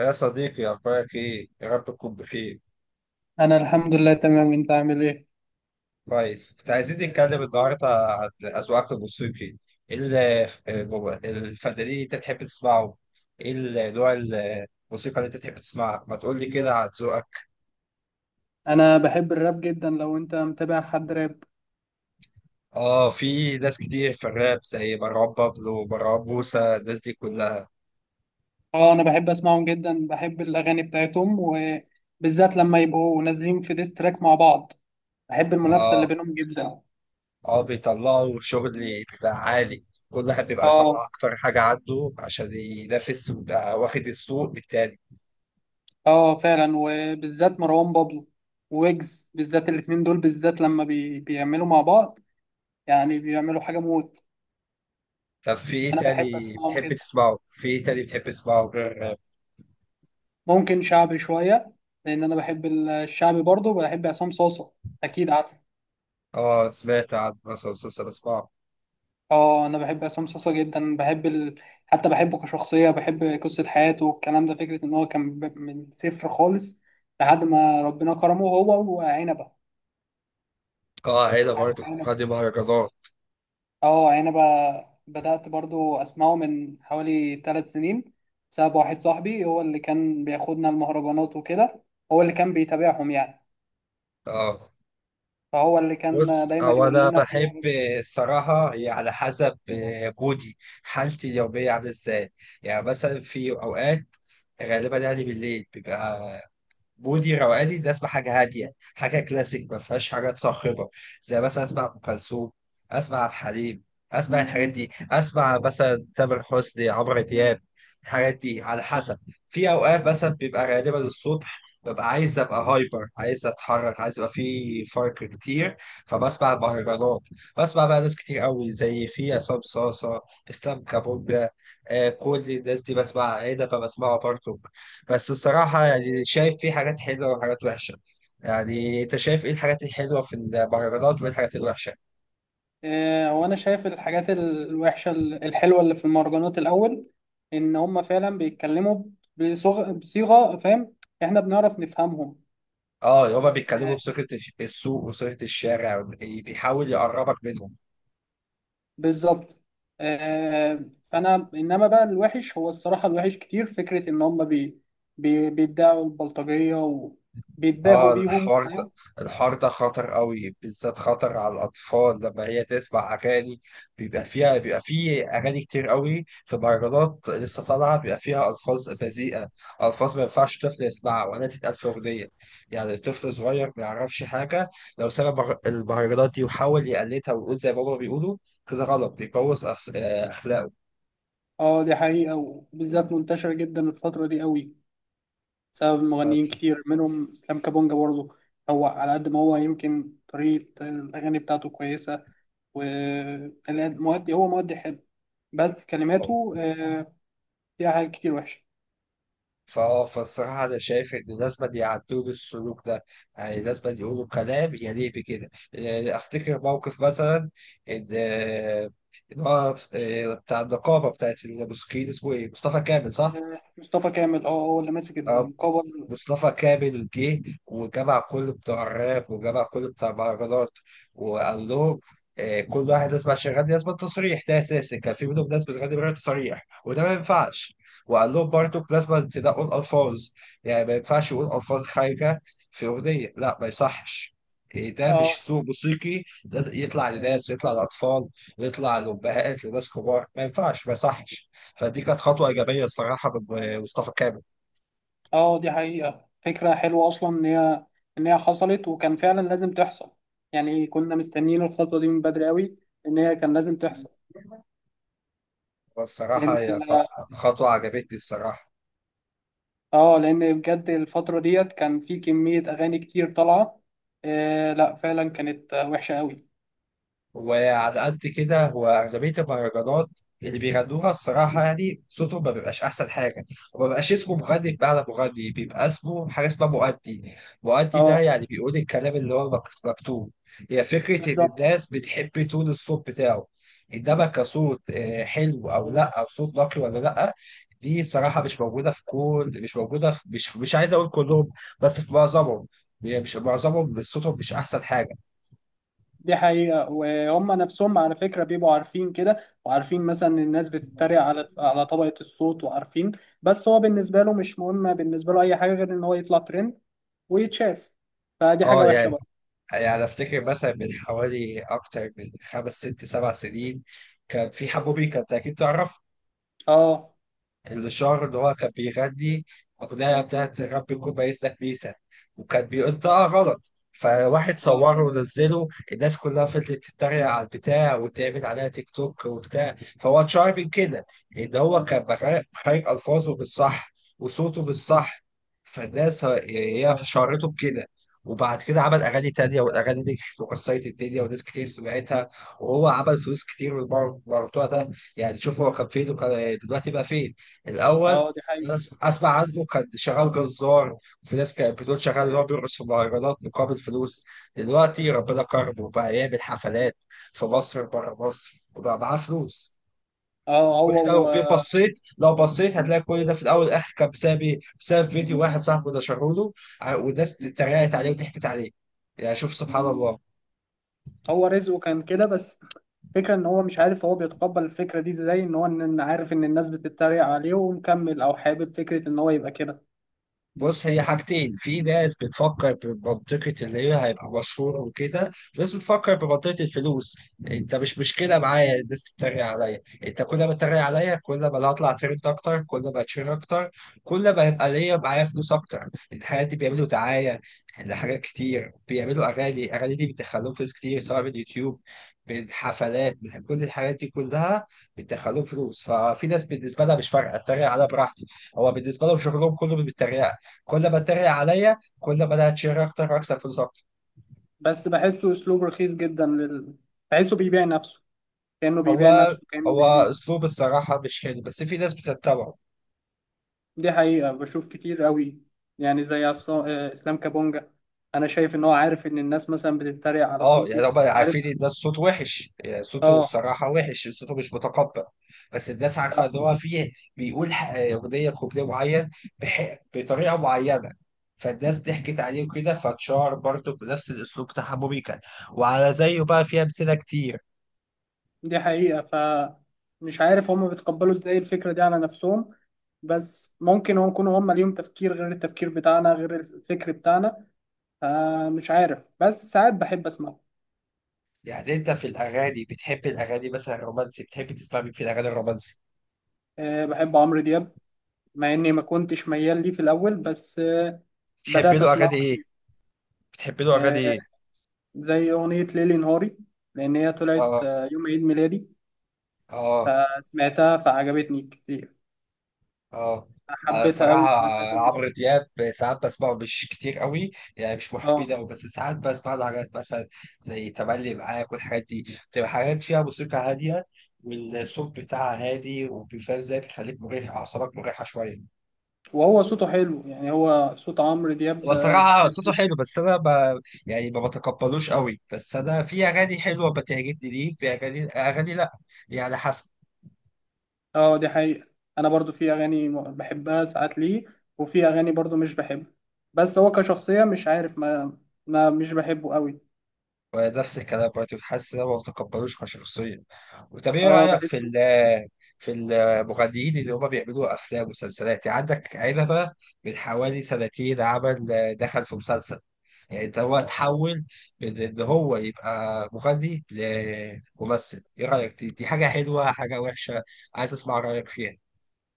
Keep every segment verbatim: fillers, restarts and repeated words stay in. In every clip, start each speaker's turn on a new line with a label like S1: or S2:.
S1: يا صديقي، أخبارك إيه؟ يا رب تكون بخير.
S2: انا الحمد لله تمام. انت عامل ايه؟
S1: كويس. كنت عايزين نتكلم النهاردة عن أذواقك الموسيقي. إيه ال- الفنانين اللي أنت تحب تسمعه؟ إيه ال- نوع الموسيقى اللي أنت تحب تسمعها؟ ما تقول لي كده عن ذوقك.
S2: انا بحب الراب جدا. لو انت متابع حد راب،
S1: آه، في ناس كتير في الراب زي مروان بابلو، ومروان موسى، الناس دي كلها.
S2: اه انا بحب اسمعهم جدا، بحب الاغاني بتاعتهم، وبالذات لما يبقوا نازلين في ديس تراك مع بعض. بحب المنافسه اللي
S1: آه
S2: بينهم جدا.
S1: آه بيطلعوا شغل بيبقى عالي. كل واحد بيبقى
S2: اه.
S1: بيطلع أكتر حاجة عنده عشان ينافس ويبقى واخد السوق بالتاني.
S2: اه فعلا، وبالذات مروان بابلو ويجز، بالذات الاتنين دول، بالذات لما بي... بيعملوا مع بعض، يعني بيعملوا حاجه موت.
S1: طب في ايه
S2: انا بحب
S1: تاني
S2: اسمعهم
S1: بتحب
S2: جدا.
S1: تسمعه؟ في ايه تاني بتحب تسمعه غير الراب؟
S2: ممكن شعبي شويه، لان انا بحب الشعبي برضه. بحب عصام صاصا، اكيد عارف.
S1: اه، سمعت عن مثلا مسلسل اسمعه.
S2: اه، انا بحب عصام صاصا جدا. بحب ال... حتى بحبه كشخصيه، بحب قصه حياته والكلام ده. فكره ان هو كان ب- من صفر خالص لحد ما ربنا كرمه هو وعنبه.
S1: اه، هنا
S2: عارف
S1: برضه
S2: عنبه؟
S1: قادم مهرجانات.
S2: اه عنبه. بدات برضو اسمعه من حوالي ثلاث سنين، بسبب واحد صاحبي هو اللي كان بياخدنا المهرجانات وكده. هو اللي كان بيتابعهم يعني،
S1: اه،
S2: فهو اللي
S1: بص،
S2: كان دايما
S1: هو
S2: يقول
S1: انا
S2: لنا في
S1: بحب،
S2: مهرجان.
S1: الصراحه هي على حسب، آه، مودي حالتي اليوميه عامله ازاي. يعني مثلا في اوقات، غالبا يعني بالليل، بيبقى مودي روقاني، ده اسمع حاجه هاديه، حاجه كلاسيك ما فيهاش حاجات صاخبه، زي مثلا اسمع ام كلثوم، اسمع عبد الحليم، اسمع الحاجات دي، اسمع مثلا تامر حسني، عمرو دياب، الحاجات دي على حسب. في اوقات مثلا بيبقى غالبا الصبح، ببقى عايز ابقى هايبر، عايز اتحرك، عايز يبقى في فرق كتير، فبسمع مهرجانات، بسمع بقى ناس كتير قوي، زي في عصام صاصا، اسلام كابونجا. آه، كل الناس دي بسمع، عنبه بسمعها برضه. بس الصراحة يعني شايف فيه حاجات حلوة وحاجات وحشة. يعني انت شايف ايه الحاجات الحلوة في المهرجانات وايه الحاجات الوحشة؟
S2: آه، وانا شايف الحاجات ال- الوحشه ال- الحلوه اللي في المهرجانات. الاول، ان هم فعلا بيتكلموا بصغ- بصيغه، فاهم؟ احنا بنعرف نفهمهم.
S1: اه، هما بيتكلموا
S2: آه،
S1: بصيغة الش- السوق وصيغة الشارع، بي- بيحاول يقربك منهم.
S2: بالظبط. آه، فانا انما بقى الوحش، هو الصراحه الوحش كتير فكره ان هم بي بي بيدعوا البلطجيه وبيتباهوا
S1: اه،
S2: بيهم،
S1: الحوار ده،
S2: فاهم؟
S1: الحوار ده خطر قوي، بالذات خطر على الاطفال، لما هي تسمع اغاني بيبقى فيها، بيبقى فيه اغاني كتير قوي في مهرجانات لسه طالعه بيبقى فيها الفاظ بذيئه، الفاظ ما ينفعش طفل يسمعها ولا تتقال في اغنيه. يعني طفل صغير ما يعرفش حاجه، لو سمع مهر- المهرجانات دي وحاول يقلدها ويقول زي ما هما بيقولوا، كده غلط، بيبوظ أخ- آه، اخلاقه.
S2: اه دي حقيقه، وبالذات منتشره جدا الفتره دي قوي، بسبب مغنيين
S1: بس
S2: كتير منهم اسلام كابونجا برضه. هو على قد ما هو يمكن طريقة الأغاني بتاعته كويسة، والمؤدي هو مؤدي حلو، بس كلماته آه، فيها حاجات كتير وحشة.
S1: فاه فالصراحة أنا شايف إن لازم يعدلوا السلوك ده، يعني لازم يقولوا كلام يليق بكده. يعني أفتكر موقف مثلا إن إن هو إيه، بتاع النقابة بتاعت المسكين اسمه إيه؟ مصطفى كامل صح؟
S2: آه، مصطفى كامل. اه هو اللي ماسك القبر.
S1: مصطفى كامل جه وجمع كل بتوع الراب وجمع كل بتوع المهرجانات وقال لهم آه، كل واحد لازم عشان يغني لازم التصريح ده اساسي، كان في منهم ناس بتغني من غير تصريح وده ما ينفعش. وقال لهم برضه لازم تنقوا الالفاظ، يعني ما ينفعش يقول الفاظ خارجه في اغنيه، لا ما يصحش. إيه ده،
S2: اه.
S1: مش سوق موسيقي لازم يطلع لناس، يطلع لأطفال، يطلع لأمهات، لناس كبار، ما ينفعش، ما يصحش. فدي كانت خطوة إيجابية الصراحة من آه، مصطفى كامل.
S2: اه دي حقيقة، فكرة حلوة أصلا إن هي إن هي حصلت وكان فعلا لازم تحصل. يعني كنا مستنيين الخطوة دي من بدري أوي، إن هي كان لازم تحصل. لأن،
S1: والصراحة هي خطوة، خطوة عجبتني الصراحة.
S2: اه لان بجد الفتره ديت كان في كميه اغاني كتير طالعه. آه لا فعلا كانت آه، وحشه قوي.
S1: وعلى قد كده، هو أغلبية المهرجانات اللي بيغنوها الصراحة يعني صوتهم ما بيبقاش أحسن حاجة، وما بيبقاش اسمه مغني، بمعنى مغني بيبقى اسمه حاجة اسمها مؤدي. مؤدي ده
S2: اه
S1: يعني بيقول الكلام اللي هو مك- مكتوب. هي فكرة إن
S2: بالظبط.
S1: الناس بتحب تون الصوت بتاعه، إنما كصوت آه، حلو أو لأ، أو صوت نقي ولا لأ. دي صراحة مش موجودة في كل مش موجودة في مش مش عايز أقول كلهم، بس في معظمهم. يعني مش معظمهم صوتهم مش أحسن حاجة.
S2: دي حقيقه، وهم نفسهم على فكره بيبقوا عارفين كده، وعارفين مثلا إن الناس بتتريق على على طبقه الصوت، وعارفين. بس هو بالنسبه له مش مهم، بالنسبه له اي حاجه غير ان هو يطلع ترند ويتشاف. فدي حاجه
S1: اه.
S2: وحشه
S1: يعني
S2: بقى.
S1: يعني افتكر مثلا من حوالي اكتر من خمس ست سبع سنين، كان في حبوبي، كانت اكيد تعرف
S2: اه.
S1: الشعر اللي هو كان بيغني أغنية بتاعت رب يكون بايسلك بيسا، وكان بينطقها غلط، فواحد صوره
S2: اه
S1: ونزله، الناس كلها فضلت تتريق على البتاع، وتعمل عليها تيك توك وبتاع. فهو اتشهر من كده، إن هو كان بخارج بخارج ألفاظه بالصح، وصوته بالصح. فالناس ه- هي شهرته بكده. وبعد كده عمل أغاني تانية، والأغاني دي وكسرت الدنيا وناس كتير سمعتها، وهو عمل فلوس كتير من الموضوع ده. يعني شوف، هو كان فين وكان دلوقتي بقى فين. الاول،
S2: اه دي حقيقه.
S1: ناس اسمع عنه كان شغال جزار، وفي ناس كانت بتقول شغال اللي هو بيرقص في مهرجانات مقابل فلوس. دلوقتي ربنا كرمه وبقى يعمل حفلات في مصر، بره مصر، وبقى معاه فلوس.
S2: اه.
S1: كل ده
S2: هو
S1: لو جيت بصيت، لو بصيت هتلاقي كل ده في الاول والاخر كان بسبب إيه؟ بسبب فيديو واحد صاحبه نشره له، ع- والناس اتريقت عليه وضحكت عليه. يعني شوف سبحان الله.
S2: هو رزقه كان كده بس. فكرة ان هو مش عارف هو بيتقبل الفكرة دي ازاي، ان هو ان إن عارف ان الناس بتتريق عليه ومكمل، او حابب فكرة ان هو يبقى كده.
S1: بص، هي حاجتين، في ناس بتفكر بمنطقة اللي هي هيبقى مشهور وكده، في ناس بتفكر بمنطقة الفلوس. انت مش مشكلة معايا الناس تتريق عليا، انت كل ما تتريق عليا، كل ما انا هطلع ترند اكتر، كل ما اتشير اكتر، كل ما هيبقى ليا، معايا فلوس اكتر. الحاجات دي بيعملوا دعاية لحاجات كتير، بيعملوا اغاني، الاغاني دي بيدخلوا فلوس كتير، سواء من يوتيوب، من حفلات، من كل الحاجات دي كلها بيدخلوا فلوس. ففي ناس بالنسبة لها مش فارقة، اتريق عليها براحتي، هو بالنسبة لهم شغلهم كله بالتريقة. كل ما اتريق عليا، كل ما انا هتشير اكتر واكسب فلوس اكتر.
S2: بس بحسه اسلوب رخيص جدا لل... بحسه بيبيع نفسه، كأنه بيبيع
S1: هو
S2: نفسه، كأنه
S1: هو
S2: بيبيع
S1: اسلوب الصراحه مش حلو، بس في ناس بتتبعه.
S2: دي حقيقة بشوف كتير قوي. يعني زي عصا- آه، اسلام كابونجا، انا شايف ان هو عارف ان الناس مثلا بتتريق على
S1: اه،
S2: صوته.
S1: يعني هم
S2: عارف.
S1: عارفين ان ده الصوت وحش، يعني صوته
S2: اه
S1: الصراحه وحش، صوته مش متقبل. بس الناس عارفه ان هو فيه، بيقول ح- اغنيه، كوبليه معين بح... بطريقه معينه، فالناس ضحكت عليه وكده، فاتشهر برضه بنفس الاسلوب بتاع موبيكا. وعلى زيه بقى في امثله كتير.
S2: دي حقيقة. فمش عارف هم بيتقبلوا ازاي الفكرة دي على نفسهم، بس ممكن هم يكونوا هم ليهم تفكير غير التفكير بتاعنا، غير الفكر بتاعنا. فمش عارف، بس ساعات بحب اسمعه.
S1: يعني انت في الاغاني، بتحب الاغاني مثلا الرومانسي، بتحب تسمع مين في الاغاني الرومانسي؟
S2: أه بحب عمرو دياب، مع اني ما كنتش ميال ليه في الاول، بس أه
S1: تحبي
S2: بدأت
S1: له
S2: اسمعه
S1: اغاني ايه؟
S2: كتير.
S1: بتحبي له اغاني
S2: أه،
S1: ايه؟
S2: زي اغنية ليلي نهاري، لان هي طلعت
S1: اه.
S2: آه، يوم عيد ميلادي.
S1: اه.
S2: فسمعتها فعجبتني كتير،
S1: اه. آه،
S2: حبيتها
S1: صراحة
S2: قوي، سمعتها كذا
S1: عمرو
S2: مرة.
S1: دياب، ساعات بسمعه مش كتير قوي، يعني مش
S2: اه.
S1: محبين قوي، بس ساعات بسمع له حاجات مثلا زي تملي معاك، والحاجات دي بتبقى حاجات فيها موسيقى هادية، والصوت بتاعها هادي، وبيفهم ازاي بيخليك مريح، أعصابك مريحة شوية.
S2: وهو صوته حلو، يعني هو صوت عمرو دياب
S1: هو
S2: آه،
S1: صراحة
S2: كويس
S1: صوته
S2: جدا.
S1: حلو، بس أنا ب... يعني ما بتقبلوش قوي، بس أنا في أغاني حلوة بتعجبني، ليه في أغاني، أغاني لأ، يعني حسب.
S2: اه دي حقيقة. انا برضو في اغاني م- بحبها ساعات ليه، وفي اغاني برضو مش بحبها. بس هو كشخصية مش عارف ما, ما مش بحبه قوي.
S1: ونفس الكلام برضه، حاسس ان هم ما تقبلوش كشخصية. وطب ايه
S2: اه
S1: رأيك في
S2: بحسه.
S1: ال، في المغنيين اللي هم بيعملوا أفلام ومسلسلات؟ يعني عندك عنبة، من حوالي سنتين عمل، دخل في مسلسل. يعني ده هو اتحول من إن هو يبقى مغني لممثل، إيه رأيك، دي، دي حاجة حلوة حاجة وحشة؟ عايز أسمع رأيك فيها.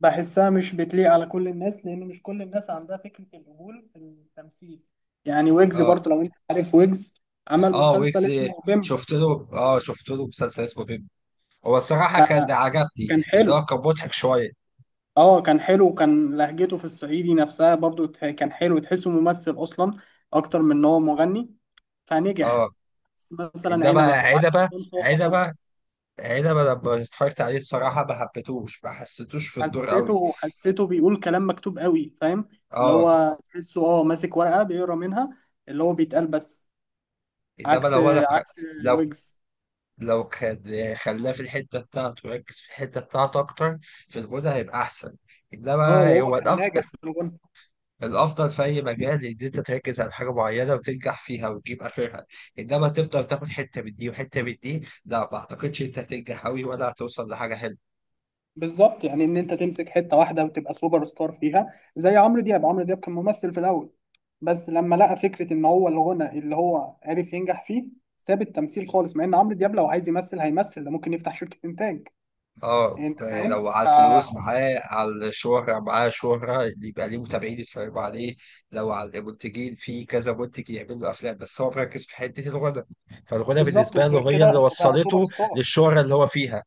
S2: بحسها مش بتليق على كل الناس، لان مش كل الناس عندها فكرة القبول في التمثيل. يعني ويجز
S1: اه.
S2: برضو، لو انت عارف ويجز، عمل
S1: اه،
S2: مسلسل
S1: ويجز.
S2: اسمه بيمب.
S1: شفت له اه شفت له مسلسل اسمه بيب. هو الصراحة كان
S2: آه،
S1: عجبني،
S2: كان
S1: لأن
S2: حلو.
S1: هو كان مضحك شوية.
S2: اه كان حلو. وكان لهجته في الصعيدي نفسها برضو تح- كان حلو، تحسه ممثل اصلا اكتر من ان هو مغني، فنجح.
S1: اه،
S2: مثلا
S1: ده بقى
S2: عنبه وعكس
S1: عدبة
S2: عصام صاصه برضو.
S1: عدبة عدبة لما اتفرجت عليه الصراحة ما حبيتهوش، ما حسيتوش في الدور قوي.
S2: حسيته، حسيته بيقول كلام مكتوب قوي، فاهم؟ اللي
S1: اه.
S2: هو تحسه اه ماسك ورقه بيقرا منها، اللي هو بيتقال بس.
S1: انما
S2: عكس
S1: لو انا
S2: عكس
S1: لو
S2: ويجز.
S1: لو كان، خلاه في الحتة بتاعته، ركز في الحتة بتاعته أكتر في الغنى، هيبقى أحسن.
S2: اه
S1: إنما
S2: وهو
S1: هو
S2: كان ناجح
S1: الأفضل،
S2: في الغنى.
S1: الأفضل في أي مجال إن أنت تركز على حاجة معينة وتنجح فيها وتجيب آخرها. إنما تفضل تاخد حتة من دي وحتة من دي، لا، ما أعتقدش أنت هتنجح أوي ولا هتوصل لحاجة حلوة.
S2: بالظبط، يعني ان انت تمسك حته واحده وتبقى سوبر ستار فيها، زي عمرو دياب. عمرو دياب كان ممثل في الاول، بس لما لقى فكره ان هو الغنى اللي هو عرف ينجح فيه، ساب التمثيل خالص. مع ان عمرو دياب لو عايز يمثل هيمثل، ده ممكن يفتح شركه انتاج.
S1: اه،
S2: انت
S1: لو
S2: فاهم
S1: على
S2: ف
S1: الفلوس معاه، على الشهرة معاه شهرة اللي يبقى ليه متابعين يتفرجوا عليه، لو على المنتجين في كذا منتج يعملوا أفلام، بس هو مركز في حتة الغنى، فالغنى
S2: بالظبط.
S1: بالنسبة
S2: وغير
S1: له هي اللي
S2: كده، فبقى سوبر
S1: وصلته
S2: ستار.
S1: للشهرة اللي هو فيها.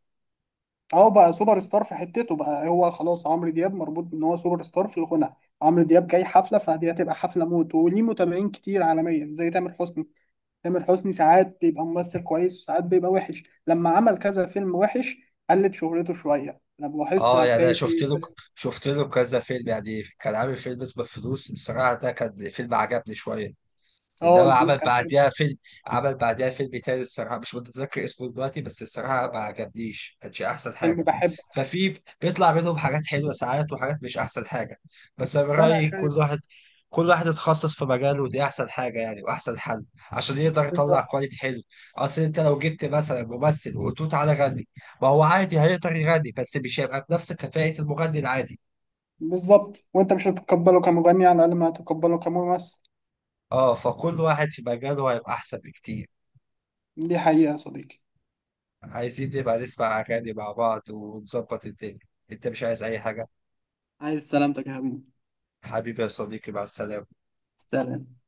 S2: اهو بقى سوبر ستار في حتته بقى. هو خلاص عمرو دياب مربوط ان هو سوبر ستار في الغنى. عمرو دياب جاي حفله، فدي هتبقى حفله موت، وليه متابعين كتير عالميا زي تامر حسني. تامر حسني ساعات بيبقى ممثل كويس، وساعات بيبقى وحش، لما عمل كذا فيلم وحش قلت شهرته شوية. لو لاحظت
S1: اه، يعني انا
S2: هتلاقي
S1: شفت
S2: فيه
S1: له
S2: كذا-
S1: شفت له كذا فيلم، يعني كان عامل فيلم اسمه الفلوس، الصراحة ده كان فيلم عجبني شوية.
S2: اه
S1: انما
S2: الفلوس
S1: عمل
S2: كان حلو.
S1: بعديها فيلم، عمل بعديها فيلم تاني الصراحه مش متذكر اسمه دلوقتي، بس الصراحه ما عجبنيش، كانش احسن
S2: فيلم
S1: حاجه.
S2: بحبه.
S1: ففي بيطلع منهم حاجات حلوه ساعات، وحاجات مش احسن حاجه. بس انا من
S2: فأنا
S1: رايي كل
S2: شايف.
S1: واحد كل واحد يتخصص في مجاله، ودي احسن حاجه يعني، واحسن حل عشان يقدر يطلع
S2: بالظبط.
S1: كواليتي حلو. اصل انت لو جبت مثلا ممثل وقلت له تعالى غني، ما هو عادي هيقدر يغني، بس مش هيبقى بنفس كفاءه المغني العادي.
S2: بالظبط. وأنت مش هتتقبله كمغني، على الأقل ما هتتقبله كممثل.
S1: اه، فكل واحد في مجاله هيبقى احسن بكتير.
S2: دي حقيقة يا صديقي.
S1: عايزين نبقى نسمع أغاني مع بعض ونظبط الدنيا. أنت مش عايز أي حاجة؟
S2: عايز سلامتك يا حبيبي.
S1: حبيبي يا صديقي، مع السلامة.
S2: سلام.